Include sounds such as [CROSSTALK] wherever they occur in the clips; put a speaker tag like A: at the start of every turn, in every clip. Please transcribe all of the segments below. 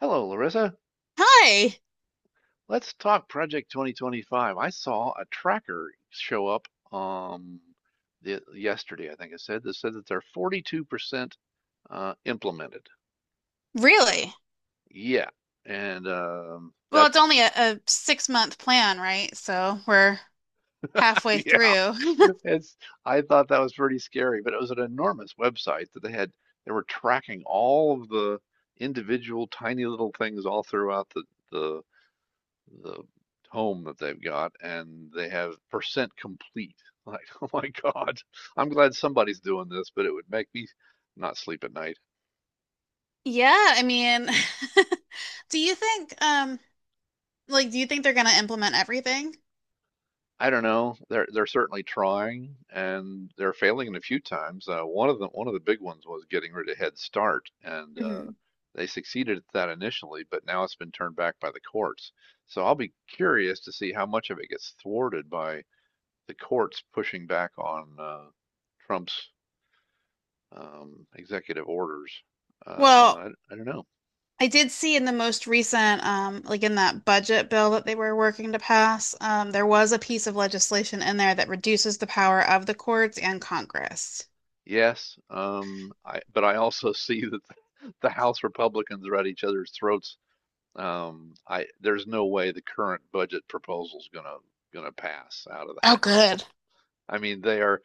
A: Hello, Larissa.
B: Hi.
A: Let's talk Project 2025. I saw a tracker show up um the, yesterday, I think I said that they're 42% implemented.
B: Really?
A: Yeah, and
B: Well, it's
A: that's
B: only a 6-month plan, right? So we're
A: [LAUGHS]
B: halfway
A: yeah,
B: through. [LAUGHS]
A: it's I thought that was pretty scary, but it was an enormous website that they had. They were tracking all of the individual tiny little things all throughout the the the home that they've got and they have percent complete. [LAUGHS] Like, oh my God, I'm glad somebody's doing this, but it would make me not sleep at night.
B: Yeah, I mean, [LAUGHS] do you think like do you think they're gonna implement everything?
A: I don't know. They're certainly trying and they're failing a few times. One of the big ones was getting rid of Head Start and
B: Hmm.
A: they succeeded at that initially, but now it's been turned back by the courts. So I'll be curious to see how much of it gets thwarted by the courts pushing back on Trump's executive orders. Uh,
B: Well,
A: I, I don't know.
B: I did see in the most recent like in that budget bill that they were working to pass, there was a piece of legislation in there that reduces the power of the courts and Congress.
A: Yes, but I also [LAUGHS] see that the House Republicans are at each other's throats. There's no way the current budget proposal's gonna pass out of
B: Oh,
A: the [LAUGHS] House.
B: good.
A: I mean, they are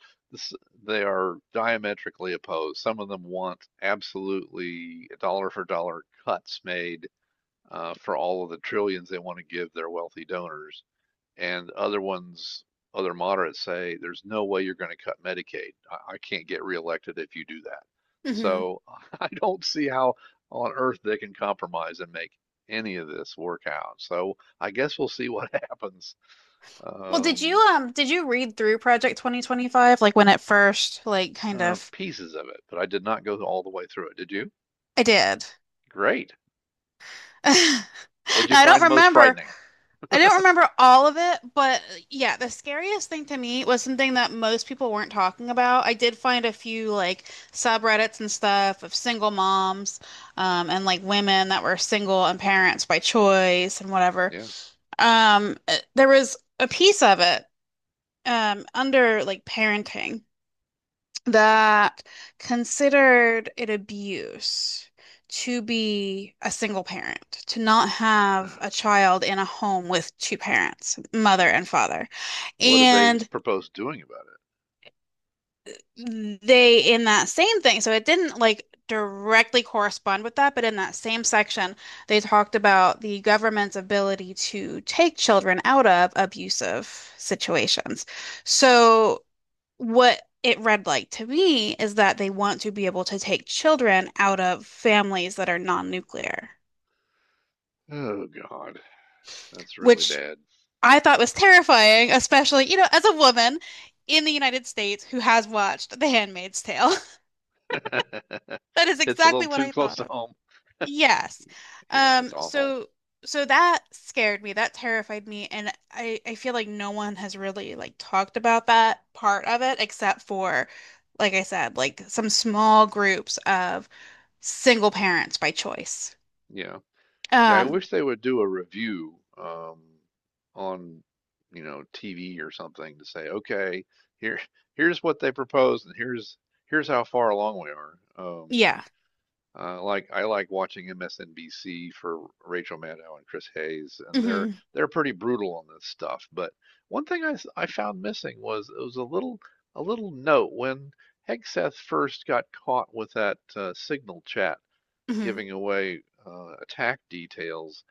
A: they are diametrically opposed. Some of them want absolutely dollar for dollar cuts made for all of the trillions they want to give their wealthy donors. And other ones, other moderates say, there's no way you're gonna cut Medicaid. I can't get reelected if you do that. So [LAUGHS] I don't see how on earth they can compromise and make any of this work out. So I guess we'll see [LAUGHS] what happens.
B: Well,
A: Um,
B: did you read through Project 2025 like when it first like kind of
A: pieces of it, but I did not go all the way through it. Did you?
B: I did.
A: Great.
B: [LAUGHS]
A: What'd you
B: Now I don't
A: find most
B: remember
A: frightening?
B: I don't remember all of it, but yeah, the scariest thing to me was something that most people weren't talking about. I did find a few like subreddits and stuff of single moms, and like women that were single and parents by choice and whatever.
A: Yeah.
B: There was a piece of it, under like parenting that considered it abuse to be a single parent, to not have a child in a home with two parents, mother and
A: Jeez.
B: father.
A: What do they
B: And
A: propose doing about
B: they, in that same thing, so it didn't like directly correspond with that, but in that same section, they talked about the government's ability to take children out of abusive situations. So what it read like to me is that they want to be able to take children out of families that are non-nuclear,
A: it? Oh God, that's really
B: which
A: bad.
B: I thought was terrifying, especially, you know, as a woman in the United States who has watched The Handmaid's Tale. [LAUGHS]
A: [LAUGHS]
B: That is
A: It's a
B: exactly
A: little
B: what
A: too
B: I
A: close
B: thought
A: to
B: of.
A: home.
B: Yes.
A: Yeah,
B: Um,
A: that's awful.
B: so so that scared me. That terrified me. And I feel like no one has really like talked about that part of it except for, like I said, like some small groups of single parents by choice.
A: Yeah. Yeah, I
B: Um,
A: wish they would do a review on, you know, TV or something to say, okay, here here's what they proposed and here's how far along we are.
B: yeah.
A: Like I like watching MSNBC for Rachel Maddow and Chris Hayes, and they're
B: Hmm.
A: they're pretty brutal on this stuff. But one thing I found missing was it was a little note when Hegseth first got caught with that Signal chat
B: Hmm.
A: giving away attack details,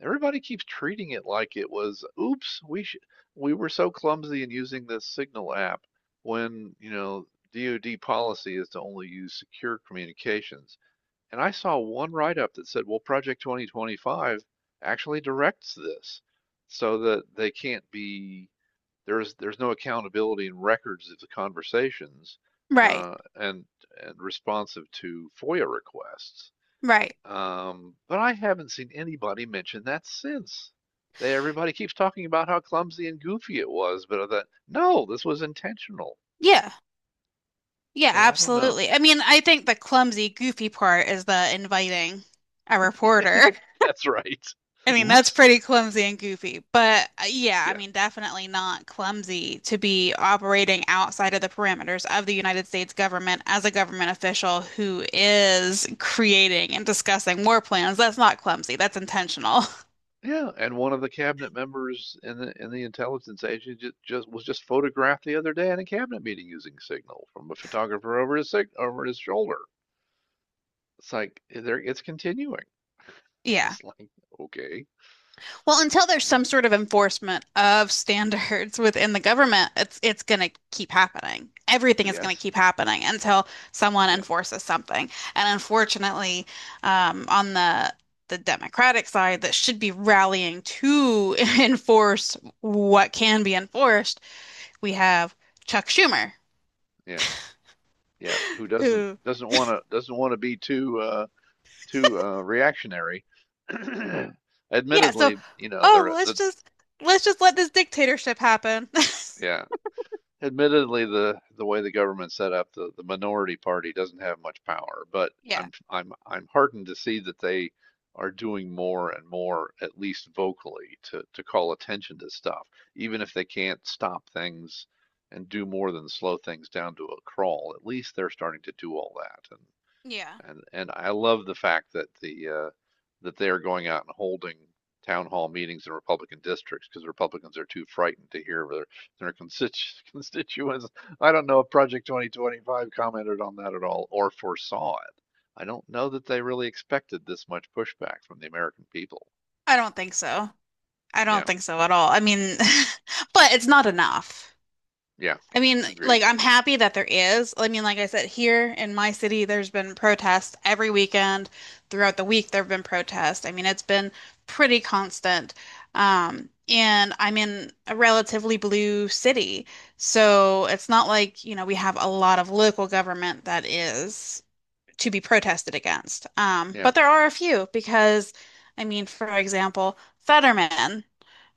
A: everybody keeps treating it like it was, oops, we were so clumsy in using this Signal app when, you know, DoD policy is to only use secure communications. And I saw one write-up that said, well, Project 2025 actually directs this so that they can't be, there's no accountability in records of the conversations
B: Right.
A: uh, and and responsive to FOIA requests.
B: Right.
A: But I haven't seen anybody mention that since. Everybody keeps talking about how clumsy and goofy it was, but I thought, no, this was intentional.
B: Yeah. Yeah,
A: So I don't know.
B: absolutely. I mean, I think the clumsy, goofy part is the inviting a reporter.
A: [LAUGHS] That's right.
B: I mean, that's
A: Oops.
B: pretty clumsy and goofy, but yeah, I
A: Yeah.
B: mean, definitely not clumsy to be operating outside of the parameters of the United States government as a government official who is creating and discussing war plans. That's not clumsy, that's intentional. [LAUGHS]
A: Yeah, and one of the cabinet members in the intelligence agency just was just photographed the other day in a cabinet meeting using Signal from a photographer over his shoulder. It's like eh, there it's continuing. [LAUGHS]
B: Yeah.
A: It's like okay,
B: Well, until there's some
A: mm,
B: sort of enforcement of standards within the government, it's going to keep happening. Everything is going to
A: yes,
B: keep happening until someone
A: yeah,
B: enforces something. And unfortunately, on the Democratic side that should be rallying to [LAUGHS] enforce what can be enforced, we have Chuck Schumer,
A: yeah. Yeah, who doesn't
B: who,
A: doesn't want to doesn't want to be too too reactionary. [CLEARS THROAT]
B: yeah, so
A: Admittedly, you know,
B: oh,
A: there
B: let's
A: the
B: just let's just let this dictatorship happen. [LAUGHS]
A: yeah, admittedly the way the government's set up, the minority party doesn't have much power, but
B: Yeah,
A: I'm heartened to see that they are doing more and more, at least vocally, to call attention to stuff, even if they can't stop things and do more than slow things down to a crawl. At least they're starting to do all that, and
B: yeah.
A: and I love the fact that the that they are going out and holding town hall meetings in Republican districts because Republicans are too frightened to hear their their [LAUGHS] constituents. I don't know if Project 2025 commented on that at all or foresaw it. I don't know that they really expected this much pushback from the American people.
B: I don't think so. I don't
A: Yeah,
B: think so at all. I mean, [LAUGHS] but it's not enough.
A: yeah,
B: I mean, like,
A: agreed.
B: I'm happy that there is. I mean, like I said, here in my city, there's been protests every weekend. Throughout the week, there have been protests. I mean, it's been pretty constant. And I'm in a relatively blue city. So it's not like, we have a lot of local government that is to be protested against.
A: Yeah,
B: But there are a few because, I mean, for example, Fetterman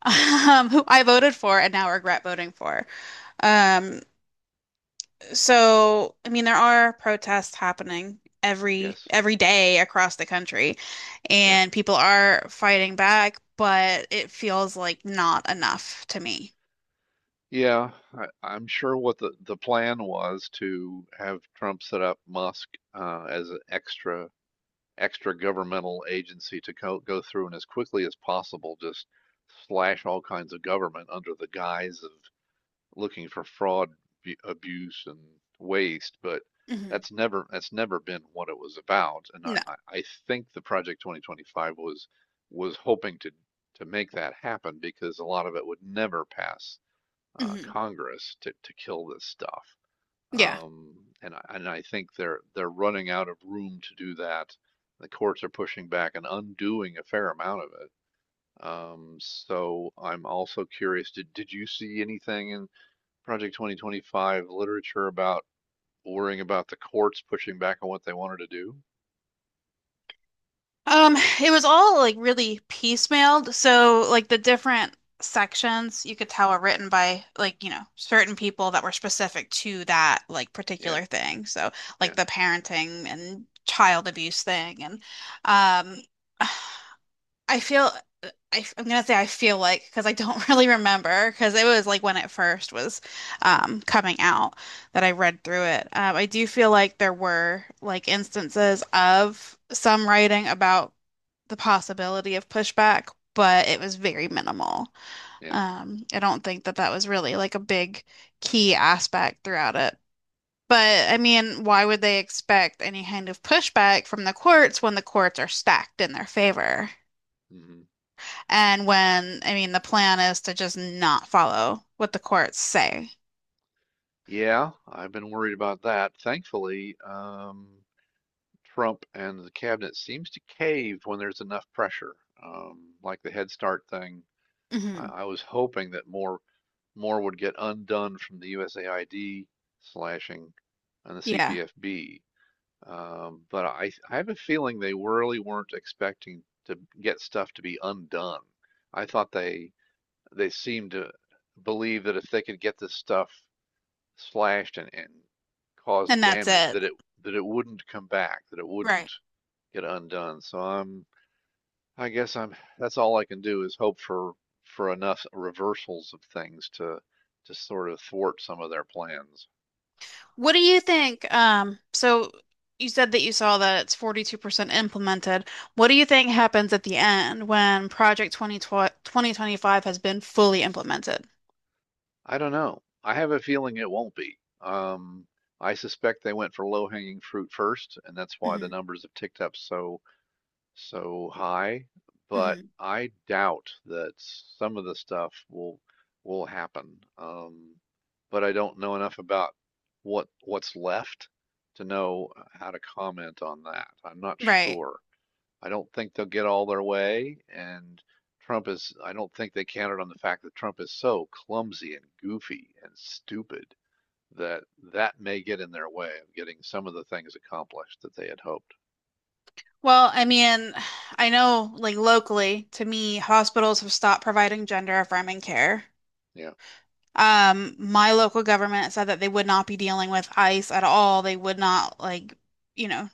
B: who I voted for and now regret voting for. Um, so I mean, there are protests happening every
A: yes,
B: every day across the country,
A: yeah.
B: and people are fighting back, but it feels like not enough to me.
A: Yeah, I'm sure what the plan was to have Trump set up Musk as an extra extra governmental agency to go through and as quickly as possible just slash all kinds of government under the guise of looking for fraud, abuse, and waste. But
B: Hmm.
A: that's never been what it was about. And
B: No.
A: I think the Project 2025 was hoping to make that happen because a lot of it would never pass
B: Hmm.
A: Congress to kill this stuff.
B: Yeah.
A: Um, and I, and I think they're running out of room to do that. The courts are pushing back and undoing a fair amount of it. So I'm also curious, did you see anything in Project 2025 literature about worrying about the courts pushing back on what they wanted to do?
B: Um, it was all like really piecemealed. So like the different sections you could tell were written by like, certain people that were specific to that like
A: Yeah,
B: particular thing. So like
A: yeah,
B: the parenting and child abuse thing. And um, [SIGHS] I feel I'm gonna say I feel like because I don't [LAUGHS] really remember because it was like when it first was coming out that I read through it. I do feel like there were like instances of some writing about the possibility of pushback, but it was very minimal.
A: yeah.
B: I don't think that that was really like a big key aspect throughout it. But I mean, why would they expect any kind of pushback from the courts when the courts are stacked in their favor?
A: Hmm.
B: And when, I mean, the plan is to just not follow what the courts say.
A: Yeah, I've been worried about that. Thankfully, Trump and the cabinet seems to cave when there's enough pressure, like the Head Start thing
B: Hmm.
A: I was hoping that more, more would get undone from the USAID slashing and the
B: Yeah.
A: CPFB. But I have a feeling they really weren't expecting to get stuff to be undone. I thought they seemed to believe that if they could get this stuff slashed and cause
B: And that's
A: damage,
B: it.
A: that it wouldn't come back, that it wouldn't
B: Right.
A: get undone. So I guess that's all I can do is hope for enough reversals of things to sort of thwart some of their plans.
B: What do you think? So you said that you saw that it's 42% implemented. What do you think happens at the end when Project Twenty Twenty Twenty Five has been fully implemented?
A: I don't know. I have a feeling it won't be. I suspect they went for low hanging fruit first, and that's why the
B: Hmm.
A: numbers have ticked up so high, but
B: Hmm.
A: I doubt that some of the stuff will happen. But I don't know enough about what's left to know how to comment on that. I'm not
B: Right.
A: sure. I don't think they'll get all their way, and I don't think they counted on the fact that Trump is so clumsy and goofy and stupid that that may get in their way of getting some of the things accomplished that they had hoped.
B: Well, I mean, I know like locally, to me, hospitals have stopped providing gender-affirming care.
A: Yeah,
B: My local government said that they would not be dealing with ICE at all. They would not you know,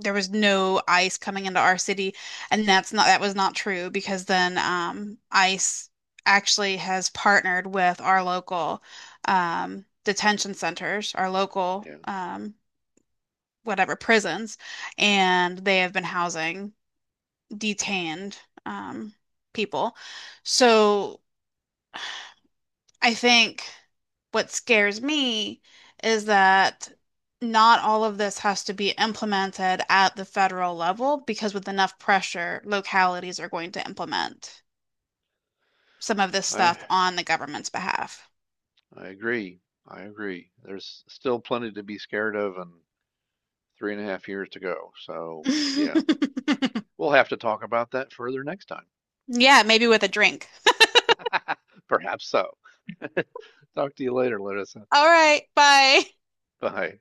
B: there was no ice coming into our city and that was not true because then ICE actually has partnered with our local detention centers, our local,
A: yeah.
B: whatever, prisons, and they have been housing detained um people. So I think what scares me is that not all of this has to be implemented at the federal level because with enough pressure, localities are going to implement some of this
A: I
B: stuff on the government's behalf.
A: I agree. I agree. There's still plenty to be scared of and 3.5 years to go. So, yeah,
B: [LAUGHS]
A: we'll have to talk about that further next
B: Yeah, maybe with a drink.
A: time. [LAUGHS] Perhaps so. [LAUGHS] Talk to you later, Larissa.
B: All right, bye.
A: Bye.